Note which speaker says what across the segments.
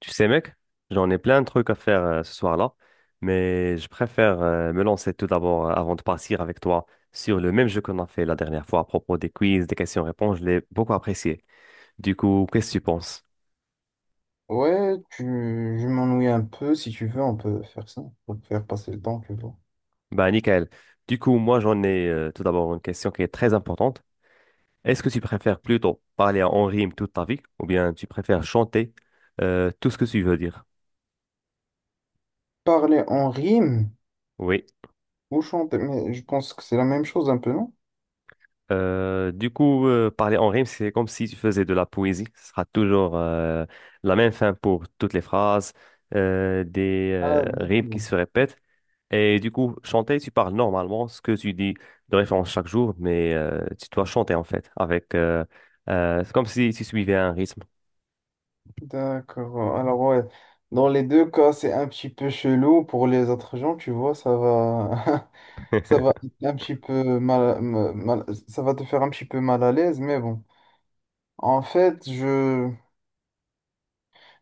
Speaker 1: Tu sais, mec, j'en ai plein de trucs à faire ce soir-là, mais je préfère me lancer tout d'abord avant de partir avec toi sur le même jeu qu'on a fait la dernière fois à propos des quiz, des questions-réponses. Je l'ai beaucoup apprécié. Du coup, qu'est-ce que tu penses?
Speaker 2: Ouais, je m'ennuie un peu. Si tu veux, on peut faire ça. Pour faire passer le temps, tu vois.
Speaker 1: Bah, nickel. Du coup, moi, j'en ai tout d'abord une question qui est très importante. Est-ce que tu préfères plutôt parler en rime toute ta vie ou bien tu préfères chanter tout ce que tu veux dire?
Speaker 2: Parler en rime
Speaker 1: Oui.
Speaker 2: ou chanter. Mais je pense que c'est la même chose un peu, non?
Speaker 1: Parler en rime, c'est comme si tu faisais de la poésie. Ce sera toujours la même fin pour toutes les phrases, des
Speaker 2: Ah,
Speaker 1: rimes qui
Speaker 2: d'accord.
Speaker 1: se répètent. Et du coup, chanter, tu parles normalement ce que tu dis de référence chaque jour, mais tu dois chanter en fait, avec c'est comme si tu suivais un rythme.
Speaker 2: D'accord. Alors, ouais. Dans les deux cas, c'est un petit peu chelou. Pour les autres gens, tu vois, ça va. Ça va être un petit peu Ça va te faire un petit peu mal à l'aise. Mais bon. En fait, je.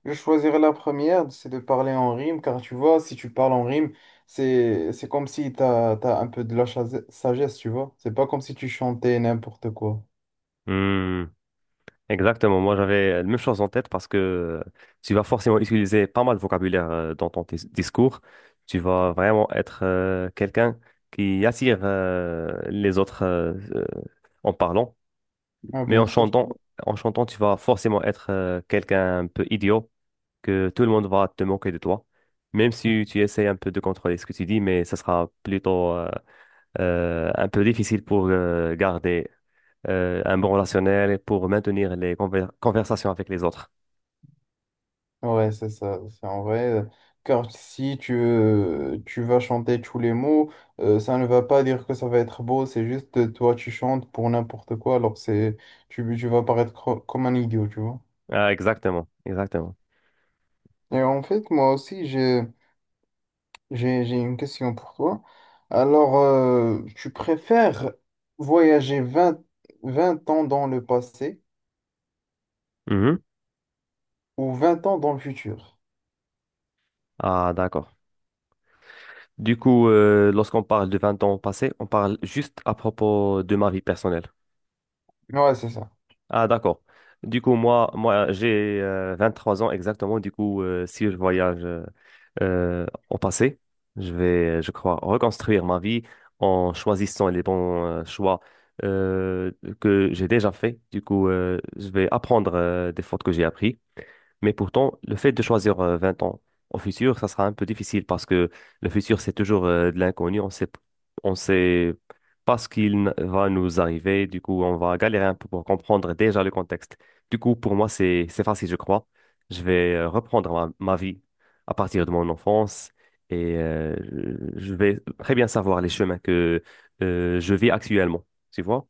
Speaker 2: Je choisirais la première, c'est de parler en rime, car tu vois, si tu parles en rime, c'est comme si tu as, un peu de la sagesse, tu vois. C'est pas comme si tu chantais n'importe quoi.
Speaker 1: Hmm. Exactement, moi j'avais la même chose en tête parce que tu vas forcément utiliser pas mal de vocabulaire dans ton discours. Tu vas vraiment être quelqu'un qui attire les autres en parlant,
Speaker 2: Ah,
Speaker 1: mais
Speaker 2: bien sûr.
Speaker 1: en chantant, tu vas forcément être quelqu'un un peu idiot, que tout le monde va te moquer de toi, même si tu essayes un peu de contrôler ce que tu dis, mais ça sera plutôt un peu difficile pour garder un bon relationnel et pour maintenir les conversations avec les autres.
Speaker 2: Ouais, c'est ça, c'est en vrai. Car si tu vas chanter tous les mots, ça ne va pas dire que ça va être beau, c'est juste toi tu chantes pour n'importe quoi, alors tu vas paraître comme un idiot, tu vois.
Speaker 1: Ah, exactement, exactement.
Speaker 2: Et en fait, moi aussi, j'ai. J'ai une question pour toi. Alors, tu préfères voyager vingt ans dans le passé
Speaker 1: Mhm.
Speaker 2: ou vingt ans dans le futur?
Speaker 1: Ah, d'accord. Du coup, lorsqu'on parle de 20 ans passés, on parle juste à propos de ma vie personnelle.
Speaker 2: Ouais, c'est ça.
Speaker 1: Ah, d'accord. Du coup, moi j'ai 3 ans exactement. Du coup, Si je voyage au passé, je vais, je crois, reconstruire ma vie en choisissant les bons choix euh, que j'ai déjà faits. Du coup, je vais apprendre des fautes que j'ai apprises mais pourtant, le fait de choisir 20 ans au futur, ça sera un peu difficile parce que le futur, c'est toujours de l'inconnu. On sait pas ce qu'il va nous arriver. Du coup, on va galérer un peu pour comprendre déjà le contexte. Du coup, pour moi, c'est facile, je crois. Je vais reprendre ma vie à partir de mon enfance et je vais très bien savoir les chemins que je vis actuellement. Tu vois?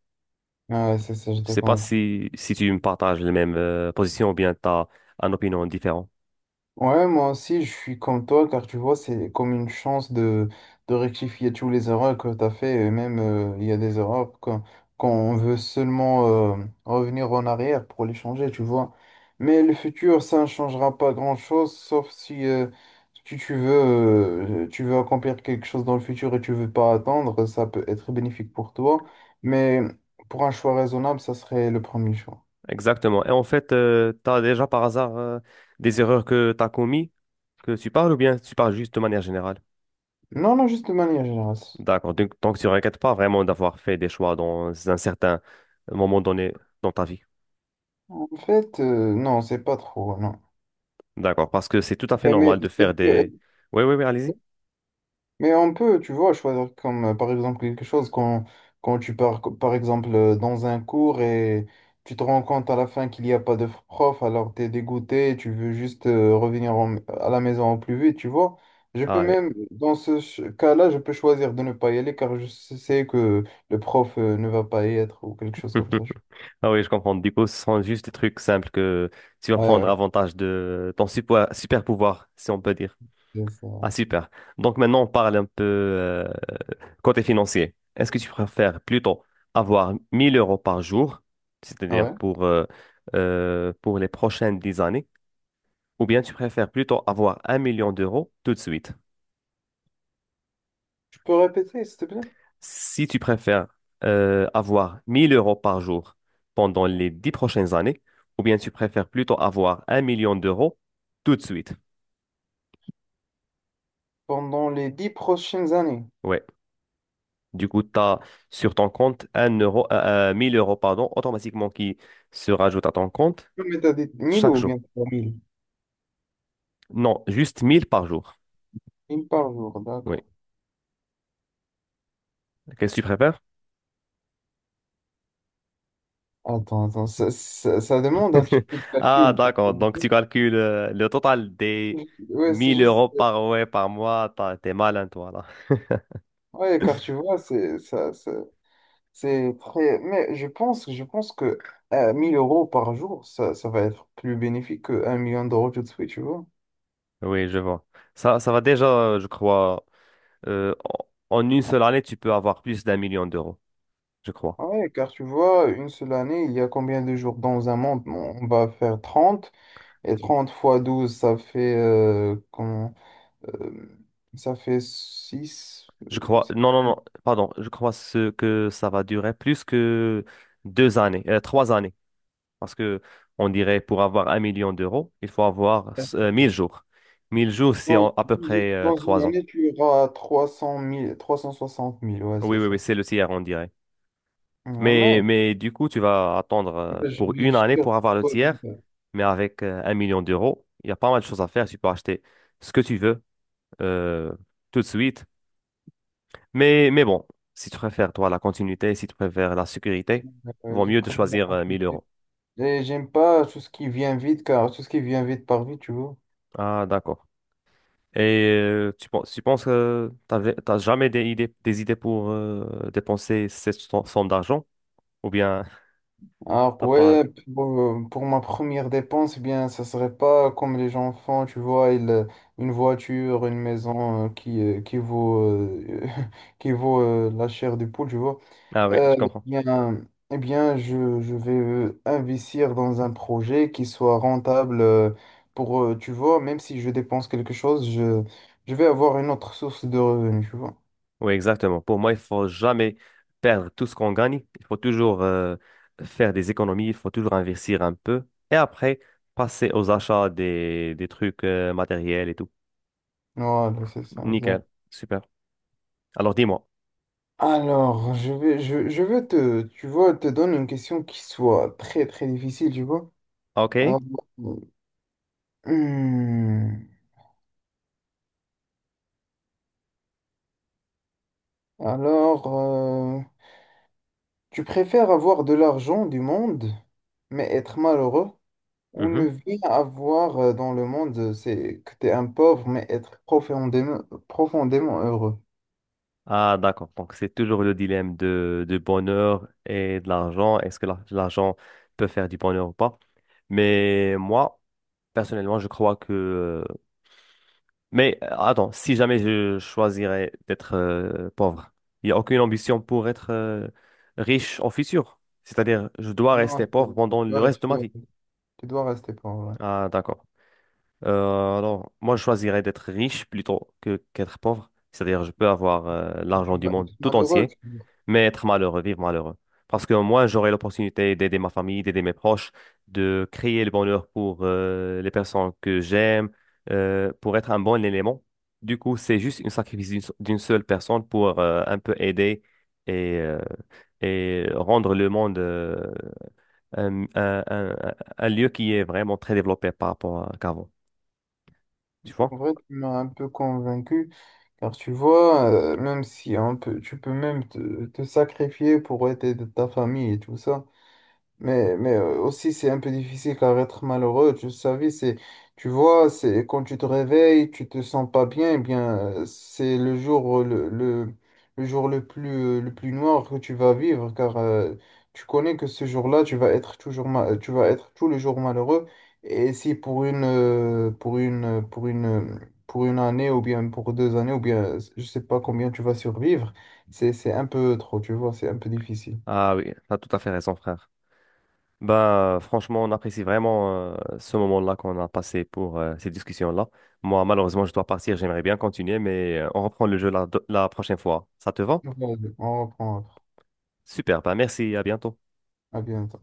Speaker 2: Ouais, c'est ça, je
Speaker 1: Je
Speaker 2: te
Speaker 1: sais pas
Speaker 2: comprends.
Speaker 1: si tu me partages les mêmes positions ou bien tu as une opinion différente.
Speaker 2: Ouais, moi aussi, je suis comme toi, car tu vois, c'est comme une chance de rectifier tous les erreurs que tu as fait. Et même, il y a des erreurs quand on veut seulement revenir en arrière pour les changer, tu vois. Mais le futur, ça ne changera pas grand-chose, sauf si tu veux, tu veux accomplir quelque chose dans le futur et tu veux pas attendre, ça peut être bénéfique pour toi. Mais pour un choix raisonnable, ça serait le premier choix.
Speaker 1: Exactement. Et en fait, tu as déjà par hasard des erreurs que tu as commises, que tu parles ou bien tu parles juste de manière générale?
Speaker 2: Non, non, juste de manière générale.
Speaker 1: D'accord. Donc tu ne regrettes pas vraiment d'avoir fait des choix dans un certain moment donné dans ta vie.
Speaker 2: En fait, non, c'est pas trop, non.
Speaker 1: D'accord. Parce que c'est tout à fait
Speaker 2: Mais,
Speaker 1: normal de
Speaker 2: ça
Speaker 1: faire
Speaker 2: peut
Speaker 1: des...
Speaker 2: être-
Speaker 1: Oui, oui, oui, allez-y.
Speaker 2: mais on peut, tu vois, choisir comme par exemple quelque chose quand tu pars, par exemple, dans un cours et tu te rends compte à la fin qu'il n'y a pas de prof, alors tu es dégoûté, tu veux juste revenir à la maison au plus vite, tu vois. Je peux
Speaker 1: Ah oui.
Speaker 2: même, dans ce cas-là, je peux choisir de ne pas y aller car je sais que le prof ne va pas y être ou quelque chose comme ça. Je-
Speaker 1: Ah oui, je comprends. Du coup, ce sont juste des trucs simples que tu vas
Speaker 2: Ouais,
Speaker 1: prendre
Speaker 2: ouais,
Speaker 1: avantage de ton super pouvoir, si on peut dire.
Speaker 2: c'est ça.
Speaker 1: Ah, super. Donc maintenant, on parle un peu côté financier. Est-ce que tu préfères plutôt avoir 1000 euros par jour,
Speaker 2: Ah
Speaker 1: c'est-à-dire
Speaker 2: ouais.
Speaker 1: pour les prochaines 10 années, ou bien tu préfères plutôt avoir un million d'euros tout de suite?
Speaker 2: Tu peux répéter, s'il te plaît?
Speaker 1: Si tu préfères avoir 1000 euros par jour pendant les 10 prochaines années, ou bien tu préfères plutôt avoir un million d'euros tout de suite?
Speaker 2: Pendant les dix prochaines années.
Speaker 1: Ouais. Du coup, tu as sur ton compte 1000 euros pardon, automatiquement qui se rajoute à ton compte
Speaker 2: Non, mais t'as dit 1000
Speaker 1: chaque
Speaker 2: ou
Speaker 1: jour.
Speaker 2: bien trois mille.
Speaker 1: Non, juste 1000 par jour.
Speaker 2: Une par jour,
Speaker 1: Oui.
Speaker 2: d'accord.
Speaker 1: Qu'est-ce que tu préfères?
Speaker 2: Attends, attends, ça demande un petit peu de
Speaker 1: Ah,
Speaker 2: calcul. Tu
Speaker 1: d'accord. Donc, tu calcules le total des
Speaker 2: Ouais, c'est
Speaker 1: 1000
Speaker 2: juste.
Speaker 1: euros par, ouais, par mois. T'es malin, toi, là.
Speaker 2: Ouais, car tu vois, c'est ça, c'est très. Mais je pense que 1000 euros par jour, ça va être plus bénéfique que 1 million d'euros tout de suite, tu vois.
Speaker 1: Oui, je vois. Ça va déjà, je crois. euh, en En une seule année, tu peux avoir plus d'un million d'euros, je crois.
Speaker 2: Ouais, car tu vois, une seule année, il y a combien de jours dans un monde? Bon, on va faire trente et 30 fois 12 ça euh, ça fait six.
Speaker 1: Je crois, non, non, non, pardon, je crois ce que ça va durer plus que deux années, 3 années. Parce que on dirait pour avoir un million d'euros, il faut avoir 1000 jours. 1000 jours, c'est
Speaker 2: Dans,
Speaker 1: en- à peu
Speaker 2: douze
Speaker 1: près
Speaker 2: dans une
Speaker 1: 3 ans.
Speaker 2: année, tu auras 360 000, ouais,
Speaker 1: Oui,
Speaker 2: c'est
Speaker 1: oui, oui,
Speaker 2: ça.
Speaker 1: c'est le tiers, on dirait.
Speaker 2: Ouais, mais
Speaker 1: Mais du coup, tu vas attendre
Speaker 2: mais je,
Speaker 1: pour une année
Speaker 2: je,
Speaker 1: pour
Speaker 2: je
Speaker 1: avoir le tiers. Mais avec un million d'euros, il y a pas mal de choses à faire. Tu peux acheter ce que tu veux euh, tout de suite. Mais bon, si tu préfères, toi, la continuité, si tu préfères la sécurité, vaut
Speaker 2: je
Speaker 1: mieux de
Speaker 2: préfère la
Speaker 1: choisir 1000
Speaker 2: continuité.
Speaker 1: euros.
Speaker 2: Et j'aime pas tout ce qui vient vite, car tout ce qui vient vite par vite, tu vois.
Speaker 1: Ah, d'accord. Et tu penses que t'as jamais des idées, des idées pour dépenser cette somme d'argent? Ou bien
Speaker 2: Alors
Speaker 1: t'as pas...
Speaker 2: ouais, bon, pour ma première dépense, eh bien, ça serait pas comme les gens font, tu vois, ils, une voiture, une maison qui vaut, qui vaut la chair du poule, tu vois.
Speaker 1: Ah oui,
Speaker 2: Euh,
Speaker 1: je
Speaker 2: eh
Speaker 1: comprends.
Speaker 2: bien, je vais investir dans un projet qui soit rentable tu vois, même si je dépense quelque chose, je vais avoir une autre source de revenus, tu vois.
Speaker 1: Oui, exactement. Pour moi, il faut jamais perdre tout ce qu'on gagne. Il faut toujours faire des économies, il faut toujours investir un peu. Et après, passer aux achats des trucs matériels et tout.
Speaker 2: Voilà, c'est ça.
Speaker 1: Nickel, super. Alors dis-moi.
Speaker 2: Alors, je vais tu vois, te donner une question qui soit très, très difficile, tu vois. Alors,
Speaker 1: OK.
Speaker 2: hmm, alors, tu préfères avoir de l'argent du monde, mais être malheureux, ou
Speaker 1: Mhm.
Speaker 2: ne rien avoir dans le monde, c'est que tu es un pauvre, mais être profondément, profondément heureux.
Speaker 1: Ah, d'accord. Donc, c'est toujours le dilemme de, du bonheur et de l'argent. Est-ce que l'argent peut faire du bonheur ou pas? Mais moi, personnellement, je crois que... Mais attends, si jamais je choisirais d'être pauvre, il n'y a aucune ambition pour être riche en futur. C'est-à-dire, je dois
Speaker 2: Non,
Speaker 1: rester
Speaker 2: tu
Speaker 1: pauvre
Speaker 2: tu
Speaker 1: pendant le
Speaker 2: dois, tu
Speaker 1: reste de ma
Speaker 2: dois,
Speaker 1: vie.
Speaker 2: tu dois rester pauvre. Ouais.
Speaker 1: Ah, d'accord. Alors, moi, je choisirais d'être riche plutôt que qu'être pauvre. C'est-à-dire, je peux avoir
Speaker 2: Tu
Speaker 1: l'argent du
Speaker 2: vas
Speaker 1: monde
Speaker 2: être
Speaker 1: tout
Speaker 2: malheureux.
Speaker 1: entier,
Speaker 2: Tu-
Speaker 1: mais être malheureux, vivre malheureux. Parce que moi, j'aurai l'opportunité d'aider ma famille, d'aider mes proches, de créer le bonheur pour les personnes que j'aime, pour être un bon élément. Du coup, c'est juste une sacrifice d'une seule personne pour un peu aider et, euh, et rendre le monde un, un- un- un lieu qui est vraiment très développé par rapport à qu'avant tu vois?
Speaker 2: En vrai, tu m'as un peu convaincu. Car tu vois, même si hein, tu peux même te sacrifier pour aider ta famille et tout ça. Mais aussi, c'est un peu difficile car être malheureux, tu savais, c'est, tu vois, c'est quand tu te réveilles, tu te sens pas bien, eh bien, c'est le le jour le plus noir que tu vas vivre car tu connais que ce jour-là, tu vas être tu vas être tout le jour malheureux. Et si pour une, pour une, pour une, pour une année ou bien pour deux années ou bien, je sais pas combien tu vas survivre, c'est un peu trop, tu vois, c'est un peu difficile.
Speaker 1: Ah oui, t'as tout à fait raison, frère. Ben, franchement, on apprécie vraiment ce moment-là qu'on a passé pour ces discussions-là. Moi, malheureusement, je dois partir. J'aimerais bien continuer, mais on reprend le jeu la prochaine fois. Ça te va?
Speaker 2: Ouais, on reprend après.
Speaker 1: Super, ben merci, à bientôt.
Speaker 2: À bientôt.